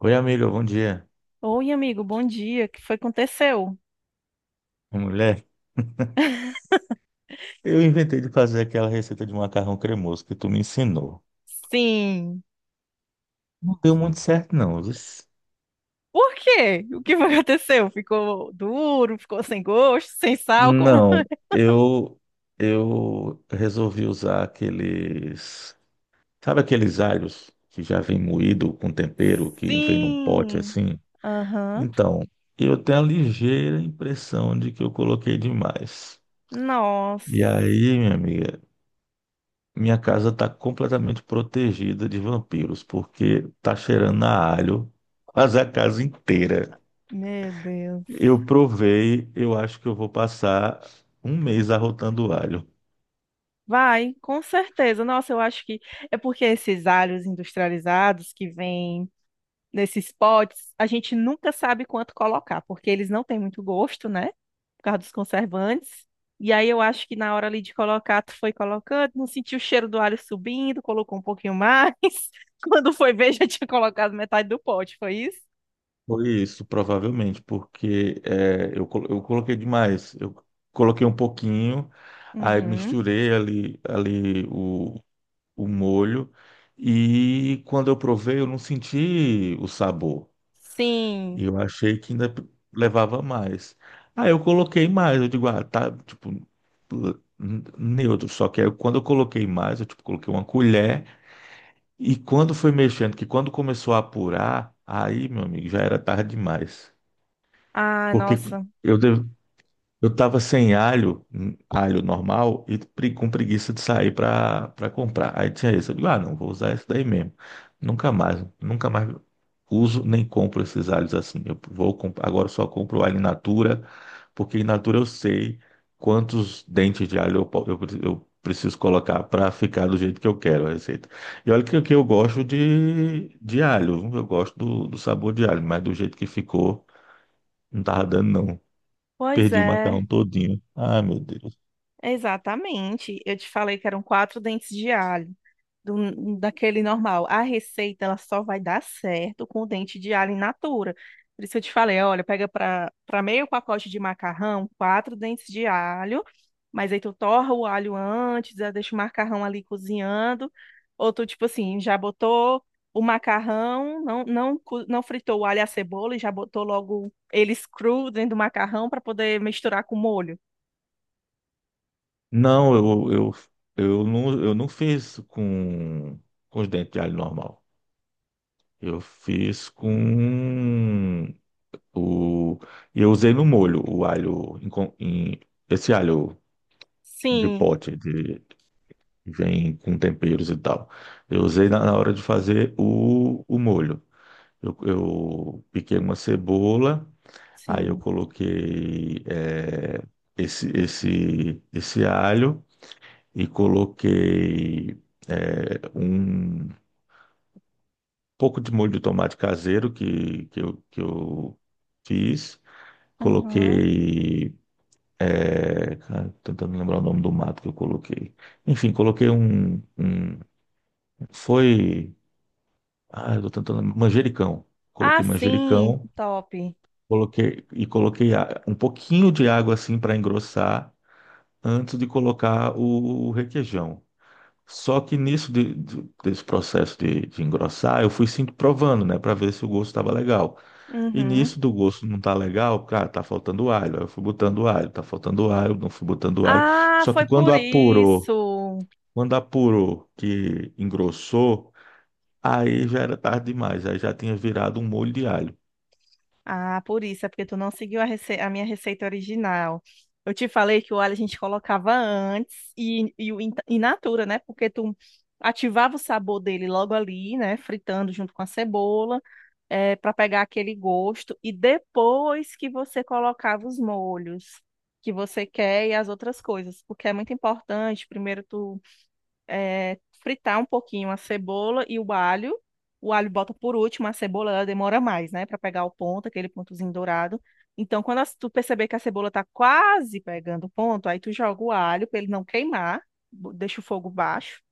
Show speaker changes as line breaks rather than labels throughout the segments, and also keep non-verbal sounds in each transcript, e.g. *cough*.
Oi, amiga, bom dia.
Oi, amigo, bom dia. O que foi que aconteceu?
Mulher, eu inventei de fazer aquela receita de macarrão cremoso que tu me ensinou.
Sim.
Não deu muito certo, não. Luiz.
Por quê? O que foi que aconteceu? Ficou duro, ficou sem gosto, sem sal, como...
Não, eu eu resolvi usar aqueles, sabe aqueles alhos que já vem moído com tempero, que vem num pote
Sim.
assim?
Aham.
Então, eu tenho a ligeira impressão de que eu coloquei demais.
Nossa.
E aí, minha amiga, minha casa está completamente protegida de vampiros, porque tá cheirando a alho, mas a casa inteira.
Meu Deus.
Eu provei, eu acho que eu vou passar um mês arrotando alho.
Vai, com certeza. Nossa, eu acho que é porque esses alhos industrializados que vêm nesses potes, a gente nunca sabe quanto colocar, porque eles não têm muito gosto, né? Por causa dos conservantes. E aí eu acho que na hora ali de colocar, tu foi colocando, não sentiu o cheiro do alho subindo, colocou um pouquinho mais. *laughs* Quando foi ver, já tinha colocado metade do pote, foi isso?
Foi isso, provavelmente, porque é, eu, col- eu coloquei demais. Eu coloquei um pouquinho, aí
Uhum.
misturei ali, o molho, e quando eu provei, eu não senti o sabor.
Sim.
E eu achei que ainda levava mais. Aí eu coloquei mais, eu digo, ah, tá, tipo, neutro. Só que aí quando eu coloquei mais, eu tipo, coloquei uma colher. E quando foi mexendo, que quando começou a apurar, aí, meu amigo, já era tarde demais.
Ah,
Porque
nossa.
eu eu tava sem alho, alho normal, e com preguiça de sair pra comprar. Aí tinha isso. Eu digo, ah, não, vou usar esse daí mesmo. Nunca mais, nunca mais uso nem compro esses alhos assim. Eu vou, agora eu só compro alho in natura, porque in natura eu sei quantos dentes de alho eu preciso colocar pra ficar do jeito que eu quero a receita. E olha que eu gosto de alho, eu gosto do sabor de alho, mas do jeito que ficou, não tava dando não.
Pois
Perdi o
é,
macarrão todinho. Ah, meu Deus.
exatamente. Eu te falei que eram 4 dentes de alho daquele normal. A receita ela só vai dar certo com o dente de alho in natura. Por isso eu te falei, olha, pega para meio pacote de macarrão, 4 dentes de alho, mas aí tu torra o alho antes, aí deixa o macarrão ali cozinhando, ou tu tipo assim, já botou o macarrão, não fritou o alho e a cebola e já botou logo eles cru dentro do macarrão para poder misturar com o molho.
Não, eu não fiz com os dentes de alho normal. Eu fiz com o. E eu usei no molho o alho, esse alho de
Sim,
pote, que vem com temperos e tal. Eu usei na hora de fazer o molho. Eu piquei uma cebola, aí eu
sim.
coloquei esse alho. E coloquei é, um pouco de molho de tomate caseiro que eu fiz.
Uhum.
Coloquei. É, cara, tentando lembrar o nome do mato que eu coloquei. Enfim, coloquei um. Um- foi. Ah, eu tô tentando lembrar, manjericão.
Ah,
Coloquei
sim,
manjericão,
top.
coloquei e um pouquinho de água assim para engrossar antes de colocar o requeijão. Só que desse processo de engrossar, eu fui sim provando, né, para ver se o gosto estava legal. E
Uhum.
nisso do gosto não tá legal, cara, tá faltando alho. Aí eu fui botando alho, tá faltando alho, não fui botando alho.
Ah,
Só que
foi por isso.
quando apurou que engrossou, aí já era tarde demais, aí já tinha virado um molho de alho.
Ah, por isso, é porque tu não seguiu a minha receita original. Eu te falei que o alho a gente colocava antes e o in natura, né? Porque tu ativava o sabor dele logo ali, né? Fritando junto com a cebola, é, para pegar aquele gosto. E depois que você colocava os molhos que você quer e as outras coisas, porque é muito importante. Primeiro tu fritar um pouquinho a cebola e o alho. O alho bota por último, a cebola ela demora mais, né, para pegar o ponto, aquele pontozinho dourado. Então, quando tu perceber que a cebola tá quase pegando o ponto, aí tu joga o alho para ele não queimar, deixa o fogo baixo.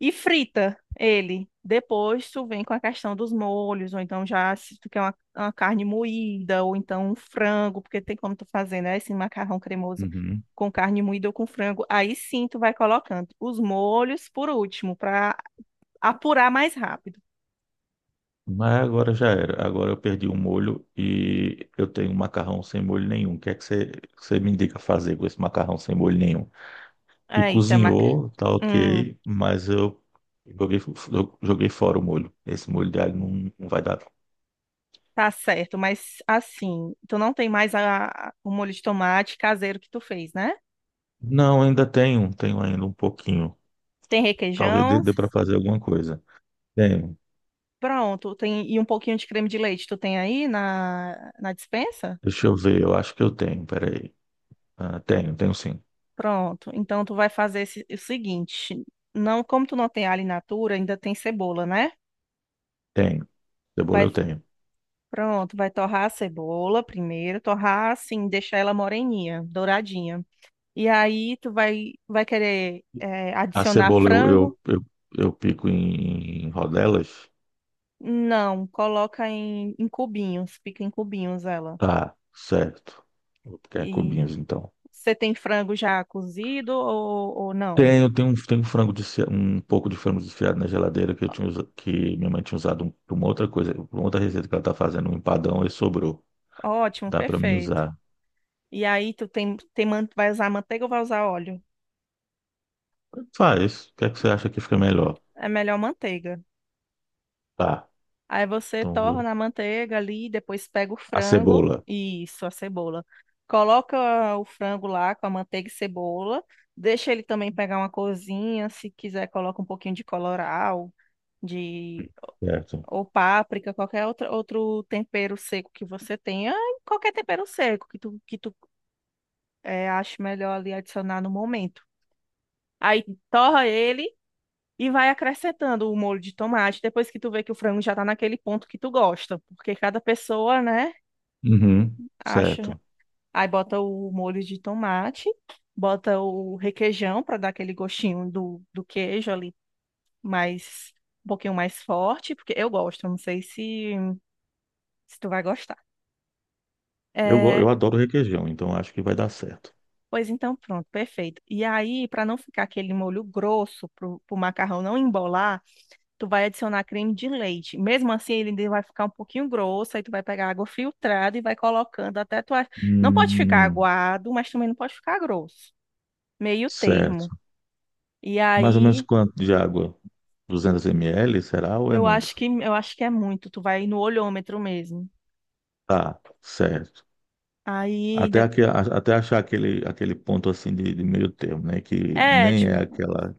E frita ele. Depois tu vem com a questão dos molhos, ou então já se tu quer uma carne moída, ou então um frango, porque tem como tu fazer, né? Esse macarrão cremoso
Uhum.
com carne moída ou com frango. Aí sim tu vai colocando os molhos por último, para apurar mais rápido.
Mas agora já era. Agora eu perdi o molho e eu tenho um macarrão sem molho nenhum. O que é que você me indica fazer com esse macarrão sem molho nenhum? E
Aí, tá, mac-
cozinhou, tá
hum,
ok, mas eu joguei, eu joguei fora o molho. Esse molho de alho não, não vai dar.
tá certo, mas assim, tu não tem mais o molho de tomate caseiro que tu fez, né?
Não, ainda tenho, tenho ainda um pouquinho.
Tem
Talvez
requeijão.
dê para fazer alguma coisa. Tenho.
Pronto, tem e um pouquinho de creme de leite tu tem aí na dispensa?
Deixa eu ver, eu acho que eu tenho, peraí. Ah, tenho, tenho sim.
Pronto, então tu vai fazer o seguinte, não, como tu não tem alho in natura, ainda tem cebola, né?
Tenho. Cebola
Vai,
eu tenho.
pronto, vai torrar a cebola primeiro, torrar assim, deixar ela moreninha, douradinha. E aí tu vai, vai querer
A
adicionar
cebola
frango?
eu pico em rodelas?
Não, coloca em cubinhos, pica em cubinhos ela.
Tá, certo. Vou picar em
E
cubinhos então.
você tem frango já cozido ou não?
Tenho um frango um pouco de frango desfiado na geladeira que eu que minha mãe tinha usado para uma outra coisa, para uma outra receita que ela tá fazendo, um empadão e sobrou.
Ótimo,
Dá para mim
perfeito.
usar.
E aí tu tem, tem, vai usar manteiga ou vai usar óleo?
Faz. O que é que você acha que fica melhor?
É melhor manteiga.
Tá.
Aí você
Então,
torna a manteiga ali, depois pega o
a
frango
cebola.
e isso, a cebola. Coloca o frango lá com a manteiga e cebola. Deixa ele também pegar uma corzinha, se quiser coloca um pouquinho de colorau, de
Certo.
ou páprica, qualquer outro tempero seco que você tenha, qualquer tempero seco que tu ache melhor ali adicionar no momento. Aí torra ele e vai acrescentando o molho de tomate depois que tu vê que o frango já tá naquele ponto que tu gosta. Porque cada pessoa, né,
Uhum,
acha.
certo.
Aí bota o molho de tomate, bota o requeijão para dar aquele gostinho do queijo ali mais, um pouquinho mais forte, porque eu gosto, não sei se, se tu vai gostar.
Eu,
É,
eu adoro requeijão, então acho que vai dar certo.
pois então, pronto, perfeito. E aí, para não ficar aquele molho grosso, pro macarrão não embolar, tu vai adicionar creme de leite. Mesmo assim, ele ainda vai ficar um pouquinho grosso, aí tu vai pegar água filtrada e vai colocando até não pode ficar
Hum,
aguado, mas também não pode ficar grosso. Meio termo.
certo.
E
Mais ou menos
aí,
quanto de água? 200 ml, será ou é muito?
eu acho que é muito, tu vai no olhômetro mesmo.
Tá, certo.
Aí,
Até,
de-
até achar aquele, aquele ponto assim de meio termo, né? Que
é,
nem
tipo,
é aquela,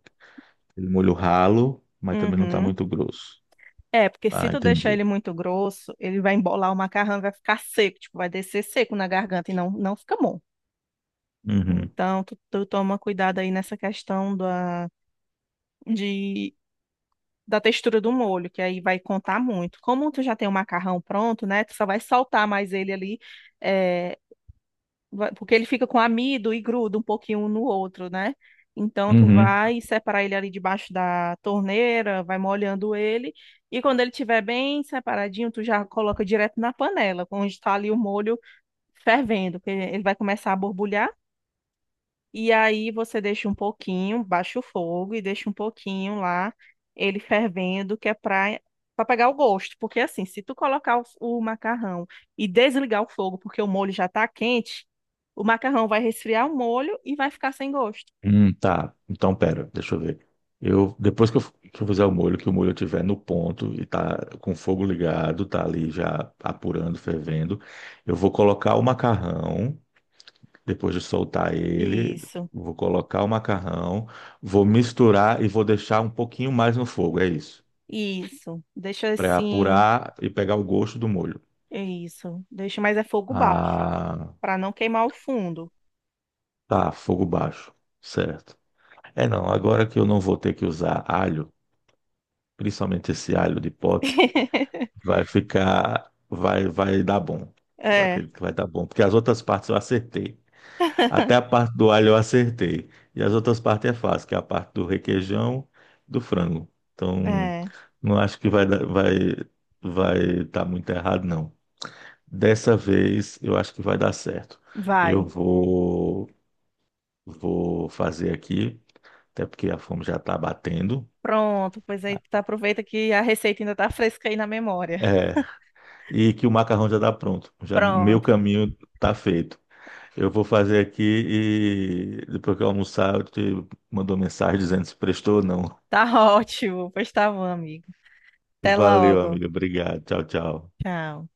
aquele molho ralo, mas também não está
uhum.
muito grosso.
É, porque se
Ah,
tu deixar
entendi.
ele muito grosso, ele vai embolar o macarrão e vai ficar seco, tipo, vai descer seco na garganta e não, não fica bom.
Uhum.
Então, tu toma cuidado aí nessa questão de da textura do molho, que aí vai contar muito. Como tu já tem o macarrão pronto, né? Tu só vai soltar mais ele ali, é, porque ele fica com amido e gruda um pouquinho um no outro, né? Então tu
Uhum.
vai separar ele ali debaixo da torneira, vai molhando ele, e quando ele estiver bem separadinho, tu já coloca direto na panela, onde está ali o molho fervendo, porque ele vai começar a borbulhar. E aí você deixa um pouquinho, baixa o fogo e deixa um pouquinho lá, ele fervendo, que é para pegar o gosto, porque assim, se tu colocar o macarrão e desligar o fogo, porque o molho já tá quente, o macarrão vai resfriar o molho e vai ficar sem gosto.
Tá. Então, pera, deixa eu ver. Eu, depois que que eu fizer o molho, que o molho estiver no ponto e tá com o fogo ligado, tá ali já apurando, fervendo, eu vou colocar o macarrão, depois de soltar ele,
Isso,
vou colocar o macarrão, vou misturar e vou deixar um pouquinho mais no fogo, é isso.
isso. Deixa
Para
assim,
apurar e pegar o gosto do molho.
é isso. Deixa, mas é fogo baixo,
Ah,
para não queimar o fundo.
tá, fogo baixo, certo. É não, agora que eu não vou ter que usar alho, principalmente esse alho de pote,
*laughs*
vai ficar, vai, vai dar bom. Eu
É,
acredito que vai dar bom, porque as outras partes eu acertei. Até a parte do alho eu acertei. E as outras partes é fácil, que é a parte do requeijão, do frango. Então,
é.
não acho que vai vai estar muito errado, não. Dessa vez eu acho que vai dar certo. Eu
Vai.
vou, vou fazer aqui, até porque a fome já está batendo.
Pronto, pois aí tu aproveita que a receita ainda tá fresca aí na memória.
É, e que o macarrão já está pronto. Já meu
Pronto,
caminho está feito. Eu vou fazer aqui e depois que eu almoçar, eu te mando uma mensagem dizendo se prestou ou não.
tá *laughs* ótimo. Pois tá bom, amigo. Até
Valeu,
logo.
amigo. Obrigado. Tchau, tchau.
Tchau.